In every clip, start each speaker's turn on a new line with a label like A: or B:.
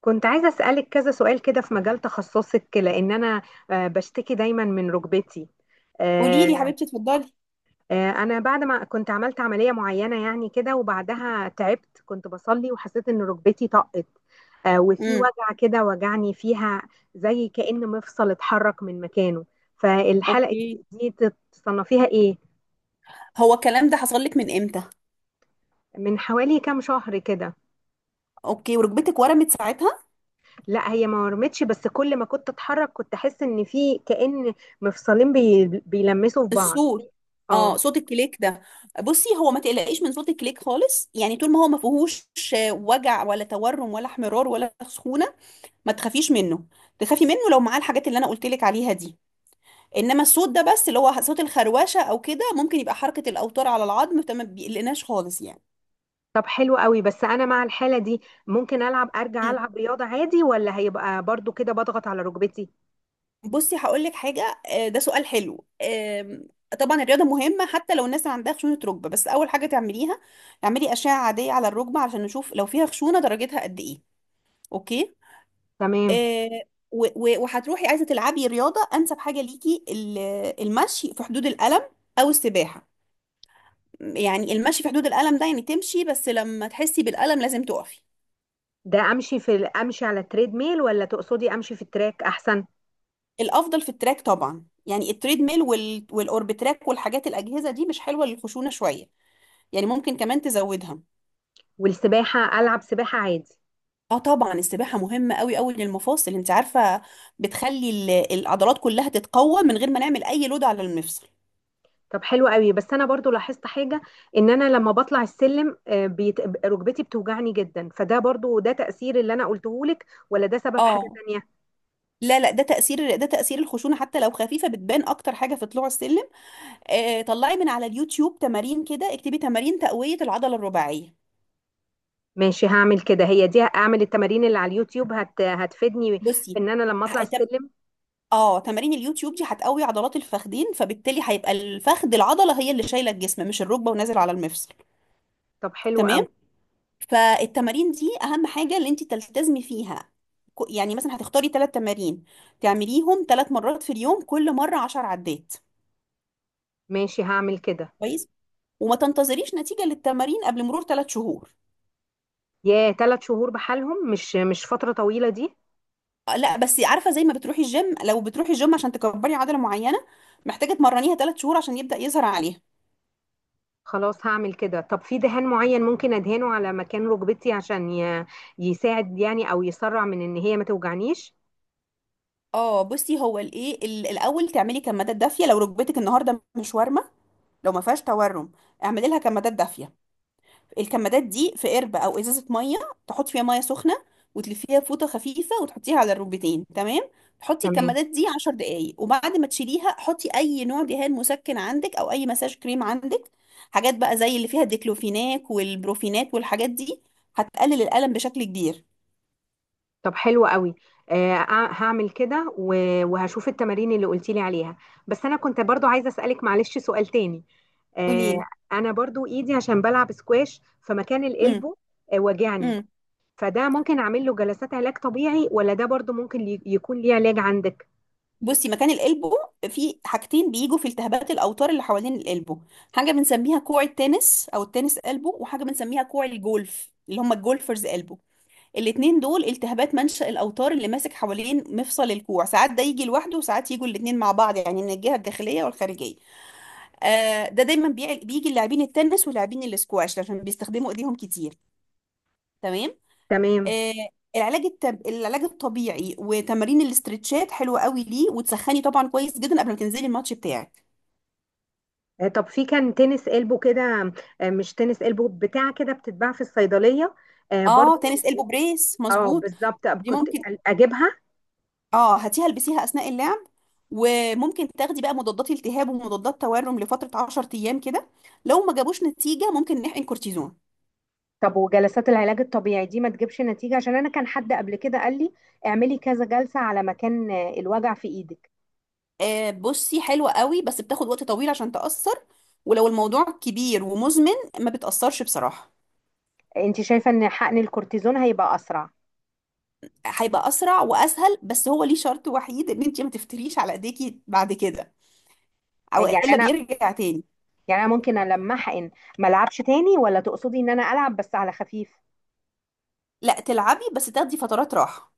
A: كنت عايزة أسألك كذا سؤال كده في مجال تخصصك، لأن أنا بشتكي دايما من ركبتي.
B: قولي لي يا
A: آه،
B: حبيبتي، اتفضلي.
A: أنا بعد ما كنت عملت عملية معينة يعني كده، وبعدها تعبت، كنت بصلي وحسيت إن ركبتي طقت، وفي
B: امم.
A: وجع كده وجعني فيها، زي كأن مفصل اتحرك من مكانه. فالحلقة
B: اوكي.
A: دي تصنفيها إيه؟
B: هو الكلام ده حصل لك من امتى؟
A: من حوالي كام شهر كده.
B: اوكي، وركبتك ورمت ساعتها؟
A: لا، هي ما ورمتش، بس كل ما كنت اتحرك كنت احس ان في كأن مفصلين بيلمسوا في بعض.
B: الصوت. اه،
A: اه.
B: صوت الكليك ده. بصي، هو ما تقلقيش من صوت الكليك خالص، يعني طول ما هو ما فيهوش وجع ولا تورم ولا احمرار ولا سخونه، ما تخافيش منه. تخافي منه لو معاه الحاجات اللي انا قلت لك عليها دي. انما الصوت ده بس، اللي هو صوت الخروشه او كده، ممكن يبقى حركه الاوتار على العظم، فما بيقلقناش خالص يعني.
A: طب حلو قوي، بس انا مع الحالة دي ممكن العب، ارجع العب رياضة عادي ولا هيبقى برضو كده بضغط على ركبتي؟
B: بصي، هقول لك حاجه، ده سؤال حلو. طبعا الرياضه مهمه حتى لو الناس ما عندها خشونه ركبه، بس اول حاجه تعمليها اعملي اشعه عاديه على الركبه عشان نشوف لو فيها خشونه درجتها قد ايه. اوكي.
A: تمام.
B: آه، وهتروحي عايزه تلعبي رياضه، انسب حاجه ليكي المشي في حدود الالم، او السباحه. يعني المشي في حدود الالم ده يعني تمشي، بس لما تحسي بالالم لازم تقفي.
A: ده امشي في امشي على التريد ميل، ولا تقصدي امشي في التراك احسن؟
B: الافضل في التراك طبعا، يعني التريد ميل والاوربتراك والحاجات الاجهزه دي مش حلوه للخشونه شويه، يعني ممكن كمان تزودها.
A: والسباحة، العب سباحة عادي؟
B: اه طبعا، السباحة مهمة قوي قوي للمفاصل، انت عارفة، بتخلي العضلات كلها تتقوى من غير ما نعمل اي لود على المفصل.
A: طب حلو قوي، بس انا برضو لاحظت حاجه، ان انا لما بطلع السلم ركبتي بتوجعني جدا. فده برضو، ده تاثير اللي انا قلته لك ولا ده سبب حاجه
B: اه،
A: تانية؟
B: لا لا، ده تأثير، ده تأثير الخشونة، حتى لو خفيفة بتبان أكتر حاجة في طلوع السلم. آه، طلعي من على اليوتيوب تمارين كده، اكتبي تمارين تقوية العضلة الرباعية.
A: ماشي، هعمل كده. هي دي، اعمل التمارين اللي على اليوتيوب هتفيدني في
B: بصي.
A: ان انا لما اطلع
B: ه- تم-
A: السلم؟
B: اه، تمارين اليوتيوب دي هتقوي عضلات الفخدين، فبالتالي هيبقى الفخذ العضلة هي اللي شايلة الجسم، مش الركبة ونازل على المفصل.
A: طب حلو
B: تمام.
A: قوي.
B: فالتمارين دي اهم حاجه اللي انت تلتزمي فيها. يعني مثلا هتختاري ثلاث تمارين، تعمليهم ثلاث مرات في اليوم، كل مره عشر عدات.
A: ماشي هعمل كده.
B: كويس. وما تنتظريش نتيجه للتمارين قبل مرور ثلاث شهور.
A: يا ثلاث شهور بحالهم؟ مش فتره طويله دي؟
B: لا بس عارفه، زي ما بتروحي الجيم، لو بتروحي الجيم عشان تكبري عضله معينه محتاجه تمرنيها ثلاث شهور عشان يبدا يظهر عليها.
A: خلاص هعمل كده. طب في دهان معين ممكن ادهنه على مكان ركبتي عشان يساعد يعني، او يسرع من ان هي ما توجعنيش؟
B: اه بصي، هو الايه، الاول تعملي كمادات دافيه لو ركبتك النهارده مش وارمه. لو ما فيهاش تورم اعملي لها كمادات دافيه. الكمادات دي في قربة او ازازة مية، تحط فيها مية سخنة، وتلفيها فوطة خفيفة وتحطيها على الركبتين. تمام. تحطي
A: تمام.
B: الكمادات دي 10 دقايق، وبعد ما تشيليها حطي اي نوع دهان مسكن عندك او اي مساج كريم عندك. حاجات بقى زي اللي فيها الديكلوفيناك والبروفينات والحاجات دي هتقلل الألم بشكل كبير.
A: طب حلو قوي. آه أع- هعمل كده، وهشوف التمارين اللي قلتي لي عليها. بس انا كنت برضو عايزه اسالك، معلش، سؤال تاني. آه.
B: قوليلي.
A: انا برضو ايدي، عشان بلعب سكواش، فمكان
B: امم.
A: القلبه وجعني.
B: امم.
A: فده ممكن اعمل له جلسات علاج طبيعي ولا ده برضو ممكن يكون ليه علاج عندك؟
B: بصي، مكان القلبه في حاجتين، بيجوا في التهابات الاوتار اللي حوالين القلبه. حاجه بنسميها كوع التنس او التنس قلبه، وحاجه بنسميها كوع الجولف، اللي هم الجولفرز قلبه. الاتنين دول التهابات منشأ الأوتار اللي ماسك حوالين مفصل الكوع. ساعات ده يجي لوحده، وساعات يجوا الاتنين مع بعض، يعني من الجهة الداخلية والخارجية. آه، ده دايما بيجي لاعبين التنس ولاعبين الاسكواش عشان بيستخدموا ايديهم كتير. تمام.
A: تمام.
B: آه، العلاج العلاج الطبيعي وتمارين الاسترتشات حلوة قوي ليه، وتسخني طبعا كويس جدا قبل ما تنزلي الماتش بتاعك.
A: آه طب في كان تنس قلبه كده، آه مش تنس قلبه بتاع كده بتتباع في الصيدليه، آه
B: اه،
A: برضو؟
B: تنس البو بريس،
A: اه،
B: مظبوط.
A: بالظبط،
B: دي
A: كنت
B: ممكن.
A: اجيبها.
B: اه، هاتيها البسيها اثناء اللعب. وممكن تاخدي بقى مضادات التهاب ومضادات تورم لفتره 10 ايام كده. لو ما جابوش نتيجه ممكن نحقن كورتيزون.
A: طب وجلسات العلاج الطبيعي دي ما تجيبش نتيجة؟ عشان انا كان حد قبل كده قال لي اعملي كذا جلسة على مكان الوجع في ايدك.
B: آه بصي، حلوه قوي بس بتاخد وقت طويل عشان تاثر. ولو الموضوع كبير ومزمن ما بتاثرش بصراحه.
A: انت شايفة ان حقن الكورتيزون هيبقى اسرع؟
B: هيبقى اسرع واسهل، بس هو ليه شرط وحيد، ان انت ما تفتريش على ايديكي بعد كده،
A: آه،
B: او
A: يعني
B: الا
A: انا
B: بيرجع تاني.
A: يعني انا ممكن لما احقن ما العبش تاني، ولا تقصدي ان انا العب بس على خفيف؟
B: لا تلعبي، بس تاخدي فترات راحه.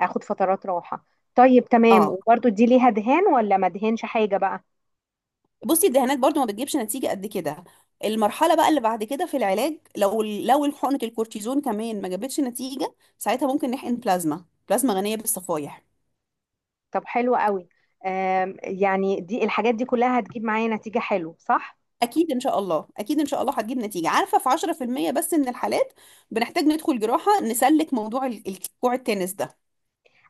A: اخد فترات راحة. طيب تمام.
B: اه
A: وبرده دي ليها دهان ولا ما دهنش حاجة بقى؟
B: بصي، الدهانات برضو ما بتجيبش نتيجة قد كده. المرحلة بقى اللي بعد كده في العلاج، لو حقنة الكورتيزون كمان ما جابتش نتيجة، ساعتها ممكن نحقن بلازما، بلازما غنية بالصفائح.
A: طب حلو قوي. يعني دي الحاجات دي كلها هتجيب معايا نتيجة حلو صح؟
B: أكيد إن شاء الله، أكيد إن شاء الله هتجيب نتيجة. عارفة، في 10% بس من الحالات بنحتاج ندخل جراحة نسلك موضوع الكوع التنس ده.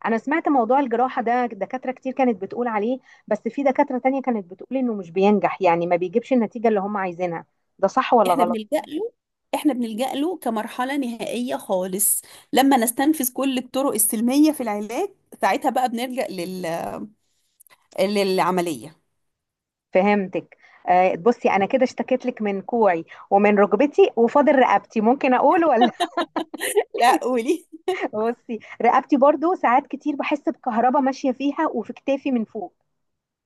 A: انا سمعت موضوع الجراحة ده، دكاترة كتير كانت بتقول عليه، بس في دكاترة تانية كانت بتقول انه مش بينجح، يعني ما بيجيبش النتيجة اللي هم عايزينها. ده صح ولا
B: إحنا
A: غلط؟
B: بنلجأ له، إحنا بنلجأ له كمرحلة نهائية خالص، لما نستنفذ كل الطرق السلمية في العلاج، ساعتها بقى بنلجأ للعملية.
A: فهمتك. آه بصي، انا كده اشتكيت لك من كوعي ومن ركبتي، وفاضل رقبتي ممكن اقول ولا؟
B: لا، قولي.
A: بصي، رقبتي برضو ساعات كتير بحس بكهرباء ماشية فيها وفي كتافي من فوق.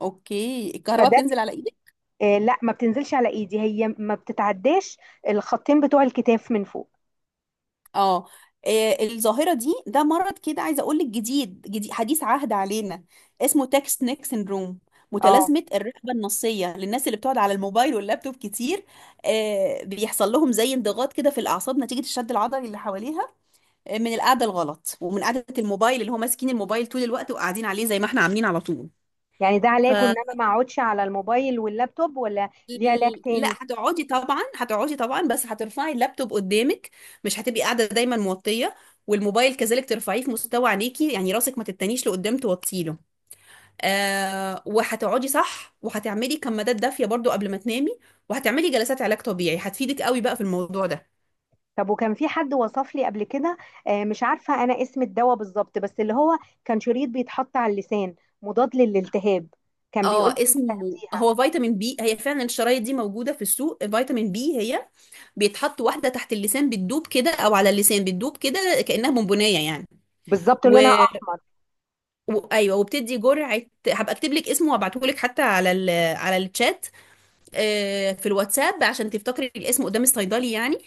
B: اوكي، الكهرباء
A: فده ك-
B: بتنزل على ايدك؟
A: آه لا، ما بتنزلش على ايدي، هي ما بتتعداش الخطين بتوع الكتاف من فوق.
B: اه. الظاهره دي، ده مرض كده عايزه اقول لك، جديد جديد، حديث عهد علينا. اسمه تاكس نيك سيندروم،
A: اه.
B: متلازمه الرقبه النصيه، للناس اللي بتقعد على الموبايل واللابتوب كتير. بيحصل لهم زي انضغاط كده في الاعصاب نتيجه الشد العضلي اللي حواليها، من القعده الغلط ومن قعده الموبايل، اللي هو ماسكين الموبايل طول الوقت وقاعدين عليه زي ما احنا عاملين على طول.
A: يعني ده
B: ف
A: علاجه ان انا ما اقعدش على الموبايل واللابتوب، ولا ليه علاج تاني؟
B: لا، هتقعدي طبعا، هتقعدي طبعا، بس هترفعي اللابتوب قدامك. مش هتبقي قاعده دايما موطيه. والموبايل كذلك ترفعيه في مستوى عينيكي، يعني راسك ما تتنيش لقدام توطيله. آه، وهتقعدي صح، وهتعملي كمادات دافيه برضو قبل ما تنامي، وهتعملي جلسات علاج طبيعي هتفيدك قوي بقى في الموضوع ده.
A: طب وكان في حد وصف لي قبل كده، مش عارفه انا اسم الدواء بالظبط، بس اللي هو كان شريط بيتحط على اللسان، مضاد للالتهاب، كان بيقول
B: اه،
A: لي
B: اسمه
A: تاخديها.
B: هو فيتامين بي، هي فعلا الشرايط دي موجوده في السوق. فيتامين بي هي بيتحط واحده تحت اللسان بتدوب كده، او على اللسان بتدوب كده، كانها بونبونيه يعني.
A: بالظبط
B: و...
A: لونها احمر.
B: ايوه، وبتدي جرعه. هبقى اكتب لك اسمه وابعته لك حتى على على الشات، في الواتساب، عشان تفتكري الاسم قدام الصيدلي يعني.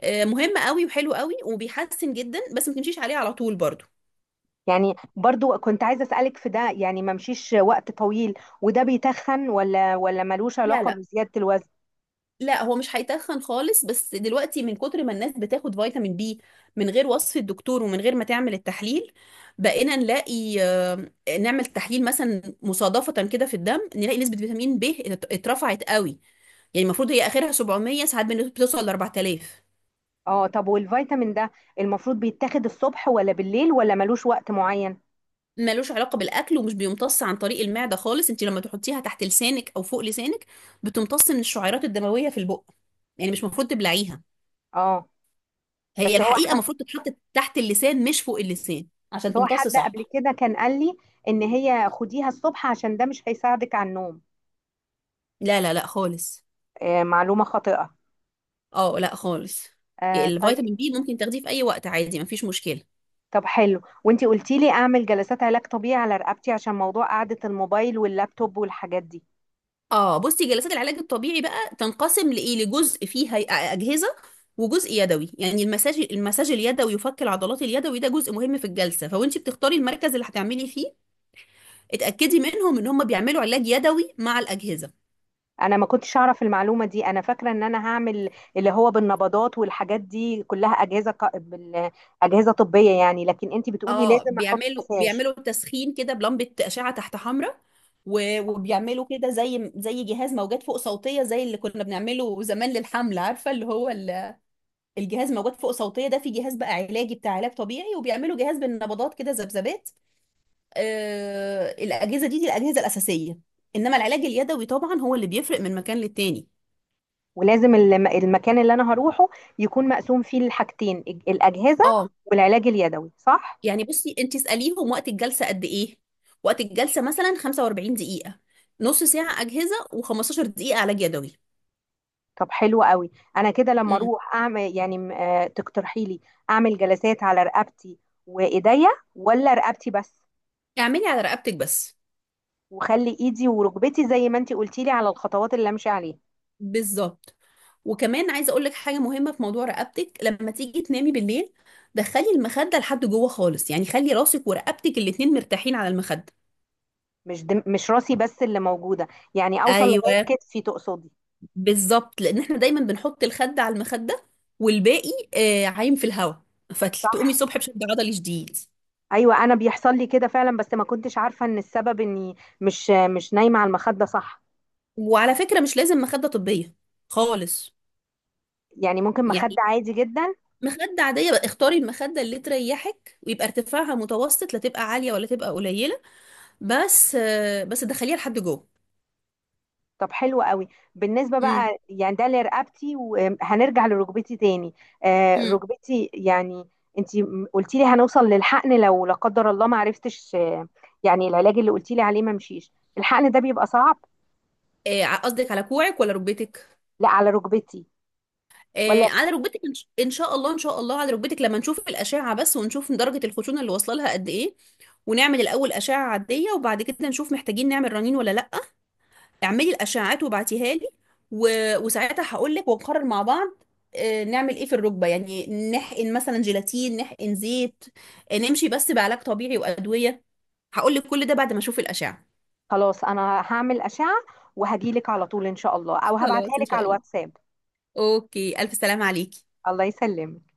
B: مهم قوي وحلو قوي وبيحسن جدا، بس ما تمشيش عليه على طول برضو.
A: يعني برضو كنت عايزه اسالك في ده، يعني ما مشيش وقت طويل، وده بيتخن ولا ملوش
B: لا
A: علاقه
B: لا،
A: بزياده الوزن؟
B: لا هو مش هيتخن خالص، بس دلوقتي من كتر ما الناس بتاخد فيتامين بي من غير وصف الدكتور ومن غير ما تعمل التحليل، بقينا نلاقي، نعمل تحليل مثلا مصادفة كده في الدم، نلاقي نسبة فيتامين ب اترفعت قوي. يعني المفروض هي اخرها 700، ساعات بتوصل ل 4000.
A: اه. طب والفيتامين ده المفروض بيتاخد الصبح ولا بالليل ولا ملوش وقت معين؟
B: ملوش علاقه بالاكل، ومش بيمتص عن طريق المعده خالص. انت لما تحطيها تحت لسانك او فوق لسانك بتمتص من الشعيرات الدمويه في البق، يعني مش المفروض تبلعيها.
A: اه
B: هي
A: بس هو
B: الحقيقه المفروض تتحط تحت اللسان مش فوق اللسان عشان
A: هو
B: تمتص
A: حد قبل
B: صح.
A: كده كان قال لي ان هي خديها الصبح عشان ده مش هيساعدك على النوم.
B: لا لا لا خالص.
A: آه، معلومة خاطئة.
B: اه لا خالص.
A: آه طيب.
B: الفيتامين بي ممكن تاخديه في اي وقت عادي، مفيش مشكله.
A: طب حلو، وانتي قلتي لي اعمل جلسات علاج طبيعي على رقبتي عشان موضوع قعدة الموبايل واللابتوب والحاجات دي.
B: اه بصي، جلسات العلاج الطبيعي بقى تنقسم لايه، لجزء فيه اجهزه، وجزء يدوي يعني المساج. المساج اليدوي وفك العضلات اليدوي ده جزء مهم في الجلسه، فوانت بتختاري المركز اللي هتعملي فيه، اتاكدي منهم ان هم بيعملوا علاج يدوي مع الاجهزه.
A: انا ما كنتش اعرف المعلومة دي. انا فاكرة ان انا هعمل اللي هو بالنبضات والحاجات دي كلها، اجهزة اجهزة طبية يعني، لكن انتي بتقولي
B: اه،
A: لازم احط
B: بيعملوا
A: مساج؟
B: بيعملوا تسخين كده بلمبه اشعه تحت حمراء، وبيعملوا كده زي جهاز موجات فوق صوتيه، زي اللي كنا بنعمله زمان للحمل، عارفه اللي هو الجهاز موجود فوق صوتيه ده، في جهاز بقى علاجي بتاع علاج طبيعي، وبيعملوا جهاز بالنبضات كده، ذبذبات. آه، الاجهزه دي، دي الاجهزه الاساسيه، انما العلاج اليدوي طبعا هو اللي بيفرق من مكان للتاني.
A: ولازم المكان اللي انا هروحه يكون مقسوم فيه الحاجتين الاجهزة
B: اه،
A: والعلاج اليدوي، صح؟
B: يعني بصي، انت اساليهم وقت الجلسه قد ايه. وقت الجلسه مثلا 45 دقيقه، نص ساعه اجهزه و15 دقيقه علاج يدوي.
A: طب حلو قوي. انا كده لما
B: امم.
A: اروح اعمل يعني تقترحي لي اعمل جلسات على رقبتي وايديا، ولا رقبتي بس؟
B: اعملي على رقبتك بس.
A: وخلي ايدي وركبتي زي ما انتي قلتي لي على الخطوات اللي امشي عليها.
B: بالظبط، وكمان عايزه اقول لك حاجه مهمه في موضوع رقبتك. لما تيجي تنامي بالليل، دخلي المخده لحد جوه خالص، يعني خلي راسك ورقبتك الاتنين مرتاحين على المخده.
A: مش دم، مش راسي بس اللي موجوده، يعني اوصل لغايه
B: ايوه،
A: كتفي تقصدي؟
B: بالظبط، لان احنا دايما بنحط الخد على المخده، والباقي آه عايم في الهواء، فتقومي
A: صح.
B: الصبح بشد عضلي شديد.
A: ايوه انا بيحصل لي كده فعلا، بس ما كنتش عارفه ان السبب اني مش نايمه على المخده، صح.
B: وعلى فكره، مش لازم مخده طبيه خالص،
A: يعني ممكن مخده
B: يعني
A: عادي جدا؟
B: مخده عاديه بقى، اختاري المخده اللي تريحك ويبقى ارتفاعها متوسط، لا تبقى عاليه ولا تبقى قليله، بس بس دخليها لحد جوه.
A: طب حلو قوي. بالنسبة
B: امم.
A: بقى يعني ده لرقبتي، وهنرجع لركبتي تاني. آه
B: امم.
A: ركبتي يعني، انتي قلتي لي هنوصل للحقن لو لا قدر الله ما عرفتش. آه، يعني العلاج اللي قلتي لي عليه ما مشيش، الحقن ده بيبقى صعب؟
B: قصدك على كوعك ولا ركبتك؟
A: لا على ركبتي. ولا.
B: على ركبتك إن شاء الله، إن شاء الله على ركبتك، لما نشوف الأشعة بس ونشوف درجة الخشونة اللي واصلة لها قد إيه. ونعمل الأول أشعة عادية، وبعد كده نشوف محتاجين نعمل رنين ولا لأ. اعملي الأشعات وبعتيها لي، و... وساعتها هقول لك ونقرر مع بعض، نعمل إيه في الركبة يعني. نحقن مثلا جيلاتين، نحقن زيت، نمشي بس بعلاج طبيعي وأدوية. هقول لك كل ده بعد ما أشوف الأشعة.
A: خلاص، انا هعمل أشعة وهجيلك على طول ان شاء الله، او هبعتها
B: خلاص إن
A: لك على
B: شاء الله.
A: الواتساب.
B: أوكي، ألف سلامة عليكي.
A: الله يسلمك.